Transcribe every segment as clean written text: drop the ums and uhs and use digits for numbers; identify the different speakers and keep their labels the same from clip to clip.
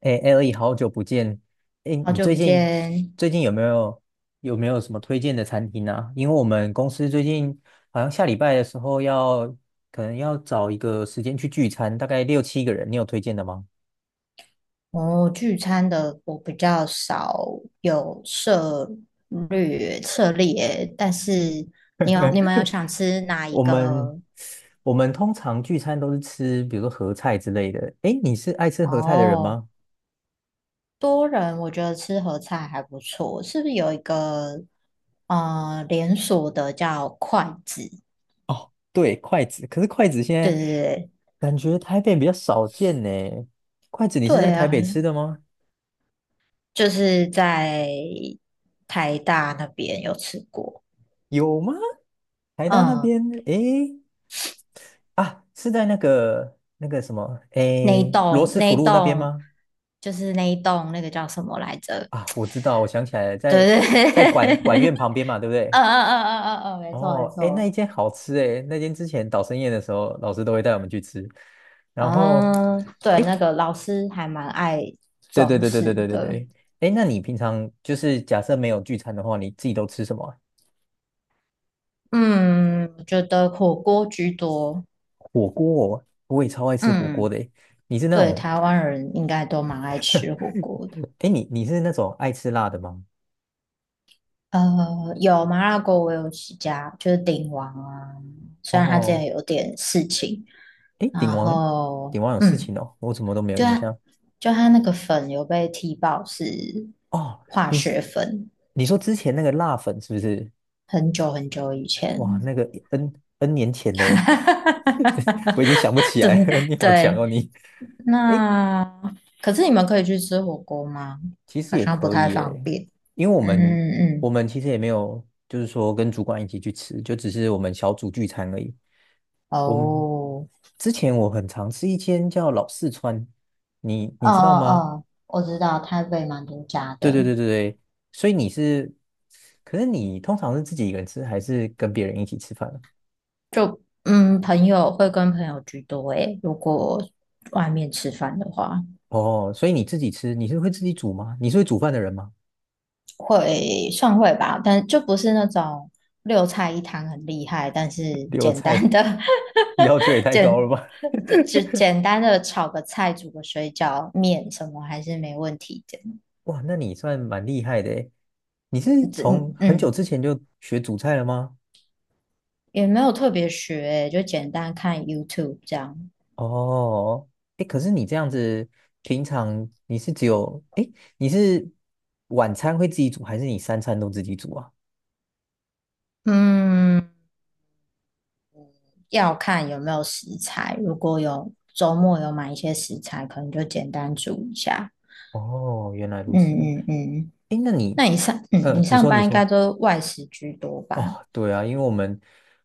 Speaker 1: 哎 l e 好久不见！哎，
Speaker 2: 好
Speaker 1: 你
Speaker 2: 久
Speaker 1: 最
Speaker 2: 不
Speaker 1: 近
Speaker 2: 见，
Speaker 1: 有没有有没有什么推荐的餐厅啊？因为我们公司最近好像下礼拜的时候要可能要找一个时间去聚餐，大概六七个人，你有推荐的吗？
Speaker 2: 我聚餐的我比较少有涉猎，但是你们有想吃哪一
Speaker 1: 我们
Speaker 2: 个？
Speaker 1: 我们通常聚餐都是吃，比如说合菜之类的。哎，你是爱吃合菜的人
Speaker 2: 哦，
Speaker 1: 吗？
Speaker 2: 多人我觉得吃合菜还不错，是不是有一个连锁的叫筷子？
Speaker 1: 对，筷子，可是筷子现
Speaker 2: 对
Speaker 1: 在
Speaker 2: 对
Speaker 1: 感觉台北比较少见呢。筷子，你
Speaker 2: 对
Speaker 1: 是在
Speaker 2: 对
Speaker 1: 台
Speaker 2: 啊，
Speaker 1: 北吃的吗？
Speaker 2: 就是在台大那边有吃过。
Speaker 1: 有吗？台大那
Speaker 2: 嗯，
Speaker 1: 边，诶，啊，是在那个什么，
Speaker 2: 那一
Speaker 1: 诶，罗
Speaker 2: 栋
Speaker 1: 斯
Speaker 2: 那
Speaker 1: 福
Speaker 2: 一
Speaker 1: 路那边
Speaker 2: 栋
Speaker 1: 吗？
Speaker 2: 那一栋那个叫什么来着？
Speaker 1: 啊，我知道，我想起来了，
Speaker 2: 对
Speaker 1: 在管
Speaker 2: 对
Speaker 1: 管
Speaker 2: 对，
Speaker 1: 院旁边嘛，对不
Speaker 2: 嗯嗯
Speaker 1: 对？
Speaker 2: 嗯嗯嗯嗯，没错没
Speaker 1: 哦，诶，那
Speaker 2: 错，
Speaker 1: 一间好吃诶，那间之前导生宴的时候，老师都会带我们去吃。然后，
Speaker 2: 嗯，对，
Speaker 1: 诶，
Speaker 2: 那个老师还蛮爱
Speaker 1: 对对
Speaker 2: 装
Speaker 1: 对对对
Speaker 2: 饰
Speaker 1: 对对
Speaker 2: 的，
Speaker 1: 对，诶，那你平常就是假设没有聚餐的话，你自己都吃什么啊？
Speaker 2: 嗯，我觉得火锅居多，
Speaker 1: 火锅哦，我也超爱吃火锅
Speaker 2: 嗯，
Speaker 1: 的诶。你是那
Speaker 2: 对，
Speaker 1: 种，
Speaker 2: 台湾人应该都蛮爱吃火锅的。
Speaker 1: 诶，你是那种爱吃辣的吗？
Speaker 2: 有麻辣锅，我有几家，就是鼎王啊。虽然他之
Speaker 1: 哦，
Speaker 2: 前有点事情，
Speaker 1: 诶，
Speaker 2: 然
Speaker 1: 鼎王，
Speaker 2: 后
Speaker 1: 鼎王有事情哦，我怎么都没有
Speaker 2: 就
Speaker 1: 印
Speaker 2: 它
Speaker 1: 象。
Speaker 2: 就它那个粉有被踢爆是
Speaker 1: 哦，
Speaker 2: 化
Speaker 1: 你是
Speaker 2: 学粉，
Speaker 1: 你说之前那个辣粉是不是？
Speaker 2: 很久很久以
Speaker 1: 哇，
Speaker 2: 前。
Speaker 1: 那个 N 年前嘞，这我已经想不起来
Speaker 2: 对
Speaker 1: 了。你好强
Speaker 2: 对，
Speaker 1: 哦，你。诶，
Speaker 2: 那可是你们可以去吃火锅吗？
Speaker 1: 其实
Speaker 2: 好
Speaker 1: 也
Speaker 2: 像不
Speaker 1: 可
Speaker 2: 太
Speaker 1: 以
Speaker 2: 方
Speaker 1: 诶，
Speaker 2: 便。
Speaker 1: 因为我们
Speaker 2: 嗯嗯嗯，
Speaker 1: 其实也没有，就是说跟主管一起去吃，就只是我们小组聚餐而已。我们
Speaker 2: 哦，
Speaker 1: 之前我很常吃一间叫老四川，你
Speaker 2: 哦
Speaker 1: 你
Speaker 2: 哦
Speaker 1: 知道吗？
Speaker 2: 哦，我知道台北蛮多家
Speaker 1: 对对
Speaker 2: 的，
Speaker 1: 对对对，所以你是，可是你通常是自己一个人吃，还是跟别人一起吃饭啊？
Speaker 2: 就朋友会跟朋友居多诶，如果外面吃饭的话。
Speaker 1: 哦，所以你自己吃，你是会自己煮吗？你是会煮饭的人吗？
Speaker 2: 会算会吧，但就不是那种六菜一汤很厉害，但是
Speaker 1: 留
Speaker 2: 简单
Speaker 1: 菜
Speaker 2: 的
Speaker 1: 要求也 太高了
Speaker 2: 简
Speaker 1: 吧？
Speaker 2: 简单的炒个菜、煮个水饺、面什么还是没问题的。
Speaker 1: 哇，那你算蛮厉害的诶。你是
Speaker 2: 这
Speaker 1: 从
Speaker 2: 嗯
Speaker 1: 很久
Speaker 2: 嗯
Speaker 1: 之前就学煮菜了吗？
Speaker 2: 也没有特别学欸，就简单看 YouTube 这样。
Speaker 1: 哦，哎，可是你这样子，平常你是只有，哎，你是晚餐会自己煮，还是你三餐都自己煮啊？
Speaker 2: 嗯，要看有没有食材，如果有周末有买一些食材，可能就简单煮一下。
Speaker 1: 哦，原来如此。
Speaker 2: 嗯嗯嗯，
Speaker 1: 哎，那你，
Speaker 2: 那你你
Speaker 1: 你
Speaker 2: 上
Speaker 1: 说，你
Speaker 2: 班应该
Speaker 1: 说。
Speaker 2: 都外食居多吧？
Speaker 1: 哦，对啊，因为我们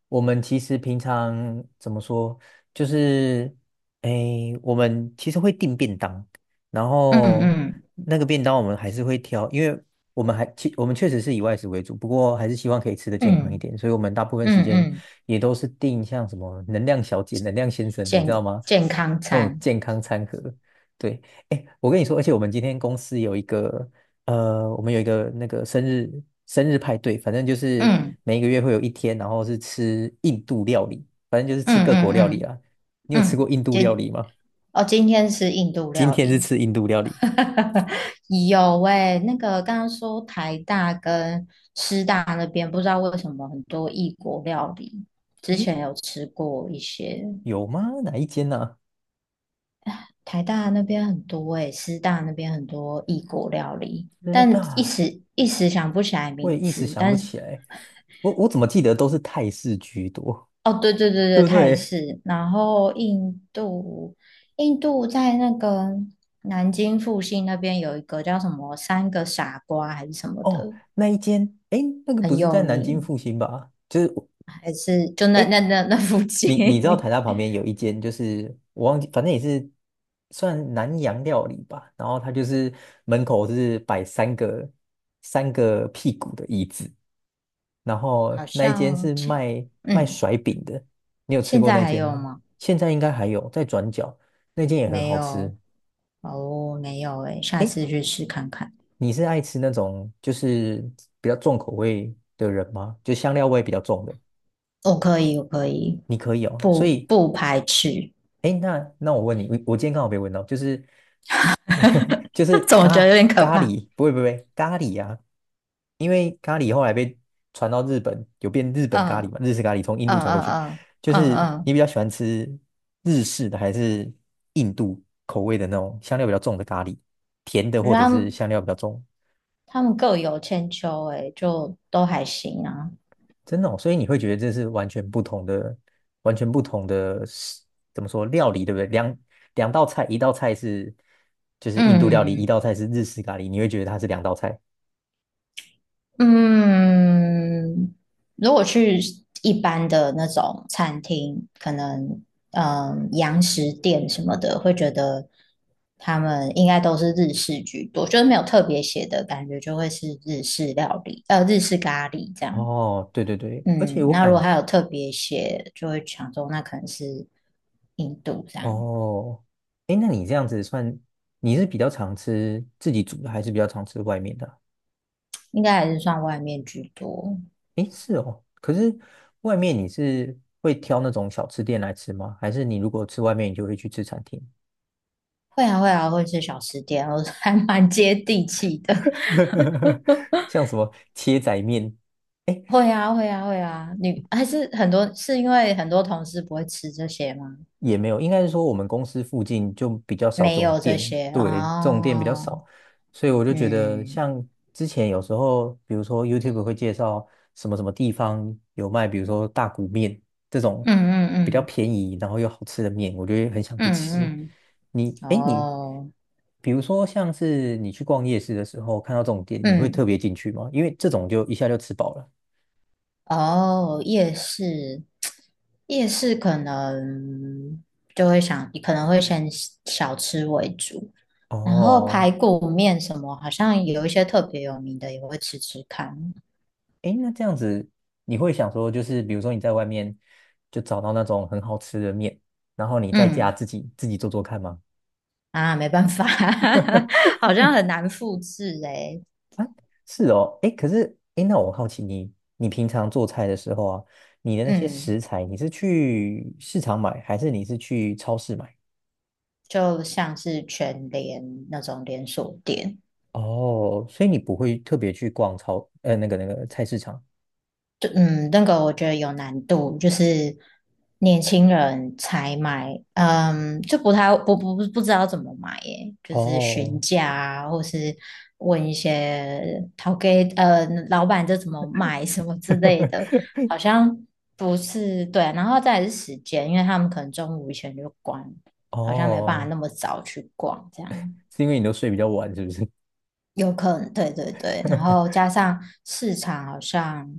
Speaker 1: 其实平常怎么说，就是诶，我们其实会订便当，然
Speaker 2: 嗯
Speaker 1: 后
Speaker 2: 嗯
Speaker 1: 那个便当我们还是会挑，因为我们确实是以外食为主，不过还是希望可以吃的健康一
Speaker 2: 嗯
Speaker 1: 点，所以我们大部分时
Speaker 2: 嗯
Speaker 1: 间
Speaker 2: 嗯，
Speaker 1: 也都是订像什么能量小姐、能量先生，你知道
Speaker 2: 健
Speaker 1: 吗？
Speaker 2: 健康
Speaker 1: 那种
Speaker 2: 餐，
Speaker 1: 健康餐盒。对，哎，我跟你说，而且我们今天公司有一个我们有一个那个生日派对，反正就是
Speaker 2: 嗯
Speaker 1: 每一个月会有一天，然后是吃印度料理，反正就是吃
Speaker 2: 嗯
Speaker 1: 各
Speaker 2: 嗯
Speaker 1: 国料理
Speaker 2: 嗯
Speaker 1: 啊。你有吃
Speaker 2: 嗯，
Speaker 1: 过印度料理吗？
Speaker 2: 哦，今天是印度
Speaker 1: 今
Speaker 2: 料
Speaker 1: 天是
Speaker 2: 理，
Speaker 1: 吃印度料理，
Speaker 2: 有诶、那个刚刚说台大跟师大那边，不知道为什么很多异国料理，之
Speaker 1: 诶，
Speaker 2: 前有吃过一些，
Speaker 1: 有吗？哪一间呢？
Speaker 2: 台大那边很多诶、师大那边很多异国料理，
Speaker 1: 真道
Speaker 2: 但一
Speaker 1: 大，
Speaker 2: 时一时想不起来
Speaker 1: 我也
Speaker 2: 名
Speaker 1: 一时
Speaker 2: 字，
Speaker 1: 想不
Speaker 2: 但
Speaker 1: 起来。我怎么记得都是泰式居多，
Speaker 2: 哦，对对对
Speaker 1: 对
Speaker 2: 对，
Speaker 1: 不
Speaker 2: 泰
Speaker 1: 对？
Speaker 2: 式。然后印度在那个南京附近那边有一个叫什么"三个傻瓜"还是什么
Speaker 1: 哦，
Speaker 2: 的，
Speaker 1: 那一间，诶，那个不
Speaker 2: 很
Speaker 1: 是
Speaker 2: 有
Speaker 1: 在南京
Speaker 2: 名，
Speaker 1: 复兴吧？就是，
Speaker 2: 还是就那
Speaker 1: 诶，
Speaker 2: 那那那附近，
Speaker 1: 你知道台大旁边有一间，就是我忘记，反正也是算南洋料理吧。然后它就是门口是摆三个屁股的椅子，然
Speaker 2: 好
Speaker 1: 后那一间
Speaker 2: 像
Speaker 1: 是卖
Speaker 2: 嗯，
Speaker 1: 甩饼的。你有吃
Speaker 2: 现
Speaker 1: 过
Speaker 2: 在
Speaker 1: 那
Speaker 2: 还
Speaker 1: 间
Speaker 2: 有
Speaker 1: 吗？
Speaker 2: 吗？
Speaker 1: 现在应该还有，在转角那间也很
Speaker 2: 没
Speaker 1: 好吃。
Speaker 2: 有哦，没有诶，下
Speaker 1: 诶，
Speaker 2: 次去试看看。
Speaker 1: 你是爱吃那种就是比较重口味的人吗？就香料味比较重的，
Speaker 2: 哦，可以，我可以，
Speaker 1: 你可以哦。所
Speaker 2: 不
Speaker 1: 以
Speaker 2: 不排斥，
Speaker 1: 哎，那那我问你，我今天刚好被问到，就是 就是
Speaker 2: 总觉得有
Speaker 1: 咖
Speaker 2: 点可
Speaker 1: 咖
Speaker 2: 怕。
Speaker 1: 喱，不会不会咖喱啊，因为咖喱后来被传到日本，有变日本咖喱
Speaker 2: 嗯
Speaker 1: 嘛，日式咖喱从印
Speaker 2: 嗯
Speaker 1: 度传过
Speaker 2: 嗯
Speaker 1: 去。
Speaker 2: 嗯
Speaker 1: 就
Speaker 2: 嗯
Speaker 1: 是
Speaker 2: 嗯。
Speaker 1: 你比较喜欢吃日式的还是印度口味的那种香料比较重的咖喱，甜的
Speaker 2: 我觉
Speaker 1: 或
Speaker 2: 得
Speaker 1: 者
Speaker 2: 他
Speaker 1: 是
Speaker 2: 们
Speaker 1: 香料比较重？
Speaker 2: 他们各有千秋、欸，就都还行啊。
Speaker 1: 真的哦，所以你会觉得这是完全不同的，完全不同的食，怎么说料理，对不对？两道菜，一道菜是就是印度料理，一
Speaker 2: 嗯
Speaker 1: 道菜是日式咖喱，你会觉得它是两道菜。
Speaker 2: 嗯，如果去一般的那种餐厅，可能洋食店什么的，会觉得他们应该都是日式居多，就是没有特别写的感觉，就会是日式料理，日式咖喱这样。
Speaker 1: 哦，对对对，而且
Speaker 2: 嗯，
Speaker 1: 我
Speaker 2: 那如
Speaker 1: 感
Speaker 2: 果还
Speaker 1: 觉，
Speaker 2: 有特别写，就会想说那可能是印度这样，
Speaker 1: 哦，诶，那你这样子算，你是比较常吃自己煮的，还是比较常吃外面的啊？
Speaker 2: 应该还是算外面居多。
Speaker 1: 诶，是哦，可是外面你是会挑那种小吃店来吃吗？还是你如果吃外面，你就会去吃餐厅？
Speaker 2: 会啊会啊，会吃小吃店，我 还蛮接地气的。
Speaker 1: 像什么切仔面，哎，
Speaker 2: 会啊会啊会啊，你还是很多是因为很多同事不会吃这些吗？
Speaker 1: 也没有，应该是说我们公司附近就比较少这
Speaker 2: 没
Speaker 1: 种
Speaker 2: 有这
Speaker 1: 店，
Speaker 2: 些
Speaker 1: 对，这种店比较
Speaker 2: 哦，
Speaker 1: 少，所以我就觉得
Speaker 2: 嗯
Speaker 1: 像之前有时候，比如说 YouTube 会介绍什么什么地方有卖，比如说大骨面这种
Speaker 2: 嗯嗯
Speaker 1: 比较
Speaker 2: 嗯
Speaker 1: 便宜然后又好吃的面，我就会很想去吃。
Speaker 2: 嗯
Speaker 1: 你，
Speaker 2: 嗯，
Speaker 1: 哎，你，
Speaker 2: 哦，
Speaker 1: 比如说像是你去逛夜市的时候看到这种店，你会特
Speaker 2: 嗯
Speaker 1: 别进去吗？因为这种就一下就吃饱了。
Speaker 2: 哦，夜市可能就会想，可能会先小吃为主，然后
Speaker 1: 哦，
Speaker 2: 排骨面什么，好像有一些特别有名的也会吃吃看。
Speaker 1: 诶，那这样子，你会想说，就是比如说你在外面就找到那种很好吃的面，然后你在家
Speaker 2: 嗯
Speaker 1: 自己做做看吗？
Speaker 2: 啊，没办法，好像很难复制诶、
Speaker 1: 是哦，诶，可是诶，那我好奇你，你平常做菜的时候啊，你的那些
Speaker 2: 嗯，
Speaker 1: 食材，你是去市场买，还是你是去超市买？
Speaker 2: 就像是全联那种连锁店，
Speaker 1: 哦，所以你不会特别去逛超，那个菜市场。
Speaker 2: 对，嗯，那个我觉得有难度，就是年轻人才买，嗯，就不太不知道怎么买耶，就是询
Speaker 1: 哦，
Speaker 2: 价啊，或是问一些淘给老板这怎么买什么之类的，好 像不是对啊，然后再来是时间，因为他们可能中午以前就关，好像没办法
Speaker 1: 哦，
Speaker 2: 那么早去逛这样。
Speaker 1: 是因为你都睡比较晚，是不是？
Speaker 2: 有可能，对对对，然 后加上市场好像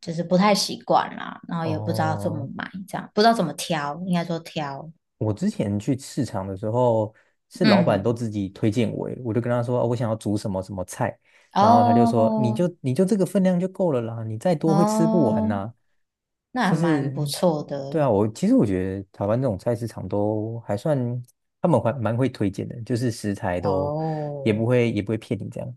Speaker 2: 就是不太习惯啦，然后也不知道怎么
Speaker 1: 哦。
Speaker 2: 买，这样不知道怎么挑，应该说挑，
Speaker 1: 我之前去市场的时候，是老板都
Speaker 2: 嗯，
Speaker 1: 自己推荐我耶，我就跟他说，哦我想要煮什么什么菜，然后他就说，你
Speaker 2: 哦
Speaker 1: 就你就这个分量就够了啦，你再多会吃不完
Speaker 2: 哦，
Speaker 1: 呐。
Speaker 2: 那
Speaker 1: 就
Speaker 2: 还蛮
Speaker 1: 是，
Speaker 2: 不错
Speaker 1: 对
Speaker 2: 的
Speaker 1: 啊，我其实我觉得台湾这种菜市场都还算，他们还蛮会推荐的，就是食材都也不
Speaker 2: 哦。
Speaker 1: 会也不会骗你这样。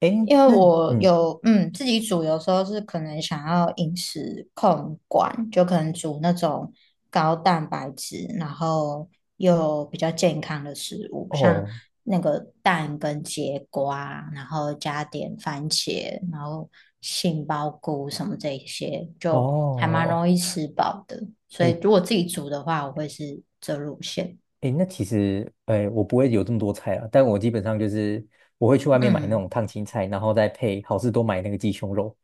Speaker 1: 诶，
Speaker 2: 因为
Speaker 1: 那
Speaker 2: 我
Speaker 1: 嗯，
Speaker 2: 有自己煮，有时候是可能想要饮食控管，就可能煮那种高蛋白质，然后又比较健康的食物，像
Speaker 1: 哦
Speaker 2: 那个蛋跟节瓜，然后加点番茄，然后杏鲍菇什么这一些，就还蛮
Speaker 1: 哦，
Speaker 2: 容易吃饱的。所以
Speaker 1: 诶，
Speaker 2: 如果自己煮的话，我会是这路线。
Speaker 1: 诶，那其实，诶，我不会有这么多菜啊，但我基本上就是我会去外面买那种
Speaker 2: 嗯，
Speaker 1: 烫青菜，然后再配好事多买那个鸡胸肉，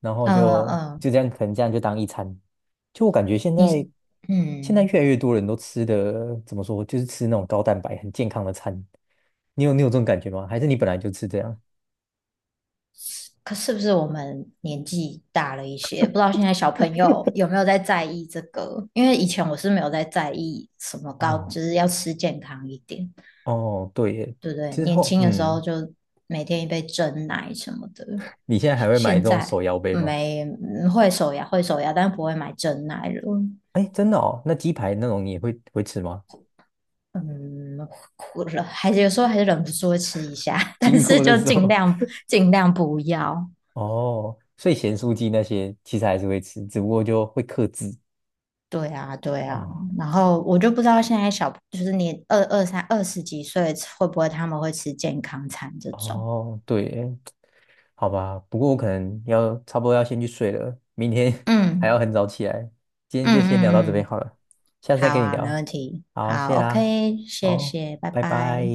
Speaker 1: 然后
Speaker 2: 呃
Speaker 1: 就
Speaker 2: 呃，
Speaker 1: 就这样，可能这样就当一餐。就我感觉现
Speaker 2: 你是
Speaker 1: 在越
Speaker 2: 嗯。
Speaker 1: 来越多人都吃的怎么说，就是吃那种高蛋白很健康的餐。你有这种感觉吗？还是你本来就吃这样？
Speaker 2: 可是不是我们年纪大了一些，不知道现在小朋友有没有在意这个？因为以前我是没有在意什么高，
Speaker 1: 哦
Speaker 2: 就是要吃健康一点，
Speaker 1: 哦，对耶，
Speaker 2: 对不对？
Speaker 1: 之
Speaker 2: 年
Speaker 1: 后
Speaker 2: 轻的时候
Speaker 1: 嗯，
Speaker 2: 就每天一杯蒸奶什么的，
Speaker 1: 你现在还会买
Speaker 2: 现
Speaker 1: 这种
Speaker 2: 在
Speaker 1: 手摇杯吗？
Speaker 2: 没嗯会手摇，但不会买蒸奶了。
Speaker 1: 哎，真的哦，那鸡排那种你也会会吃吗？
Speaker 2: 嗯，哭了，还是有时候还是忍不住会吃一下，但
Speaker 1: 经
Speaker 2: 是
Speaker 1: 过的
Speaker 2: 就
Speaker 1: 时
Speaker 2: 尽
Speaker 1: 候。
Speaker 2: 量尽量不要。
Speaker 1: 哦，所以咸酥鸡那些其实还是会吃，只不过就会克制。
Speaker 2: 对啊，对啊，
Speaker 1: 哦
Speaker 2: 然后我就不知道现在小，就是你二十几岁会不会他们会吃健康餐这种？
Speaker 1: 哦，对耶，好吧，不过我可能差不多要先去睡了，明天 还要
Speaker 2: 嗯
Speaker 1: 很早起来。今天
Speaker 2: 嗯
Speaker 1: 就先聊到这
Speaker 2: 嗯
Speaker 1: 边
Speaker 2: 嗯，
Speaker 1: 好了，下次再
Speaker 2: 好
Speaker 1: 跟你
Speaker 2: 啊，没
Speaker 1: 聊。
Speaker 2: 问题，
Speaker 1: 好，
Speaker 2: 好
Speaker 1: 谢啦，
Speaker 2: ，OK，谢
Speaker 1: 好，
Speaker 2: 谢，拜
Speaker 1: 拜拜。
Speaker 2: 拜。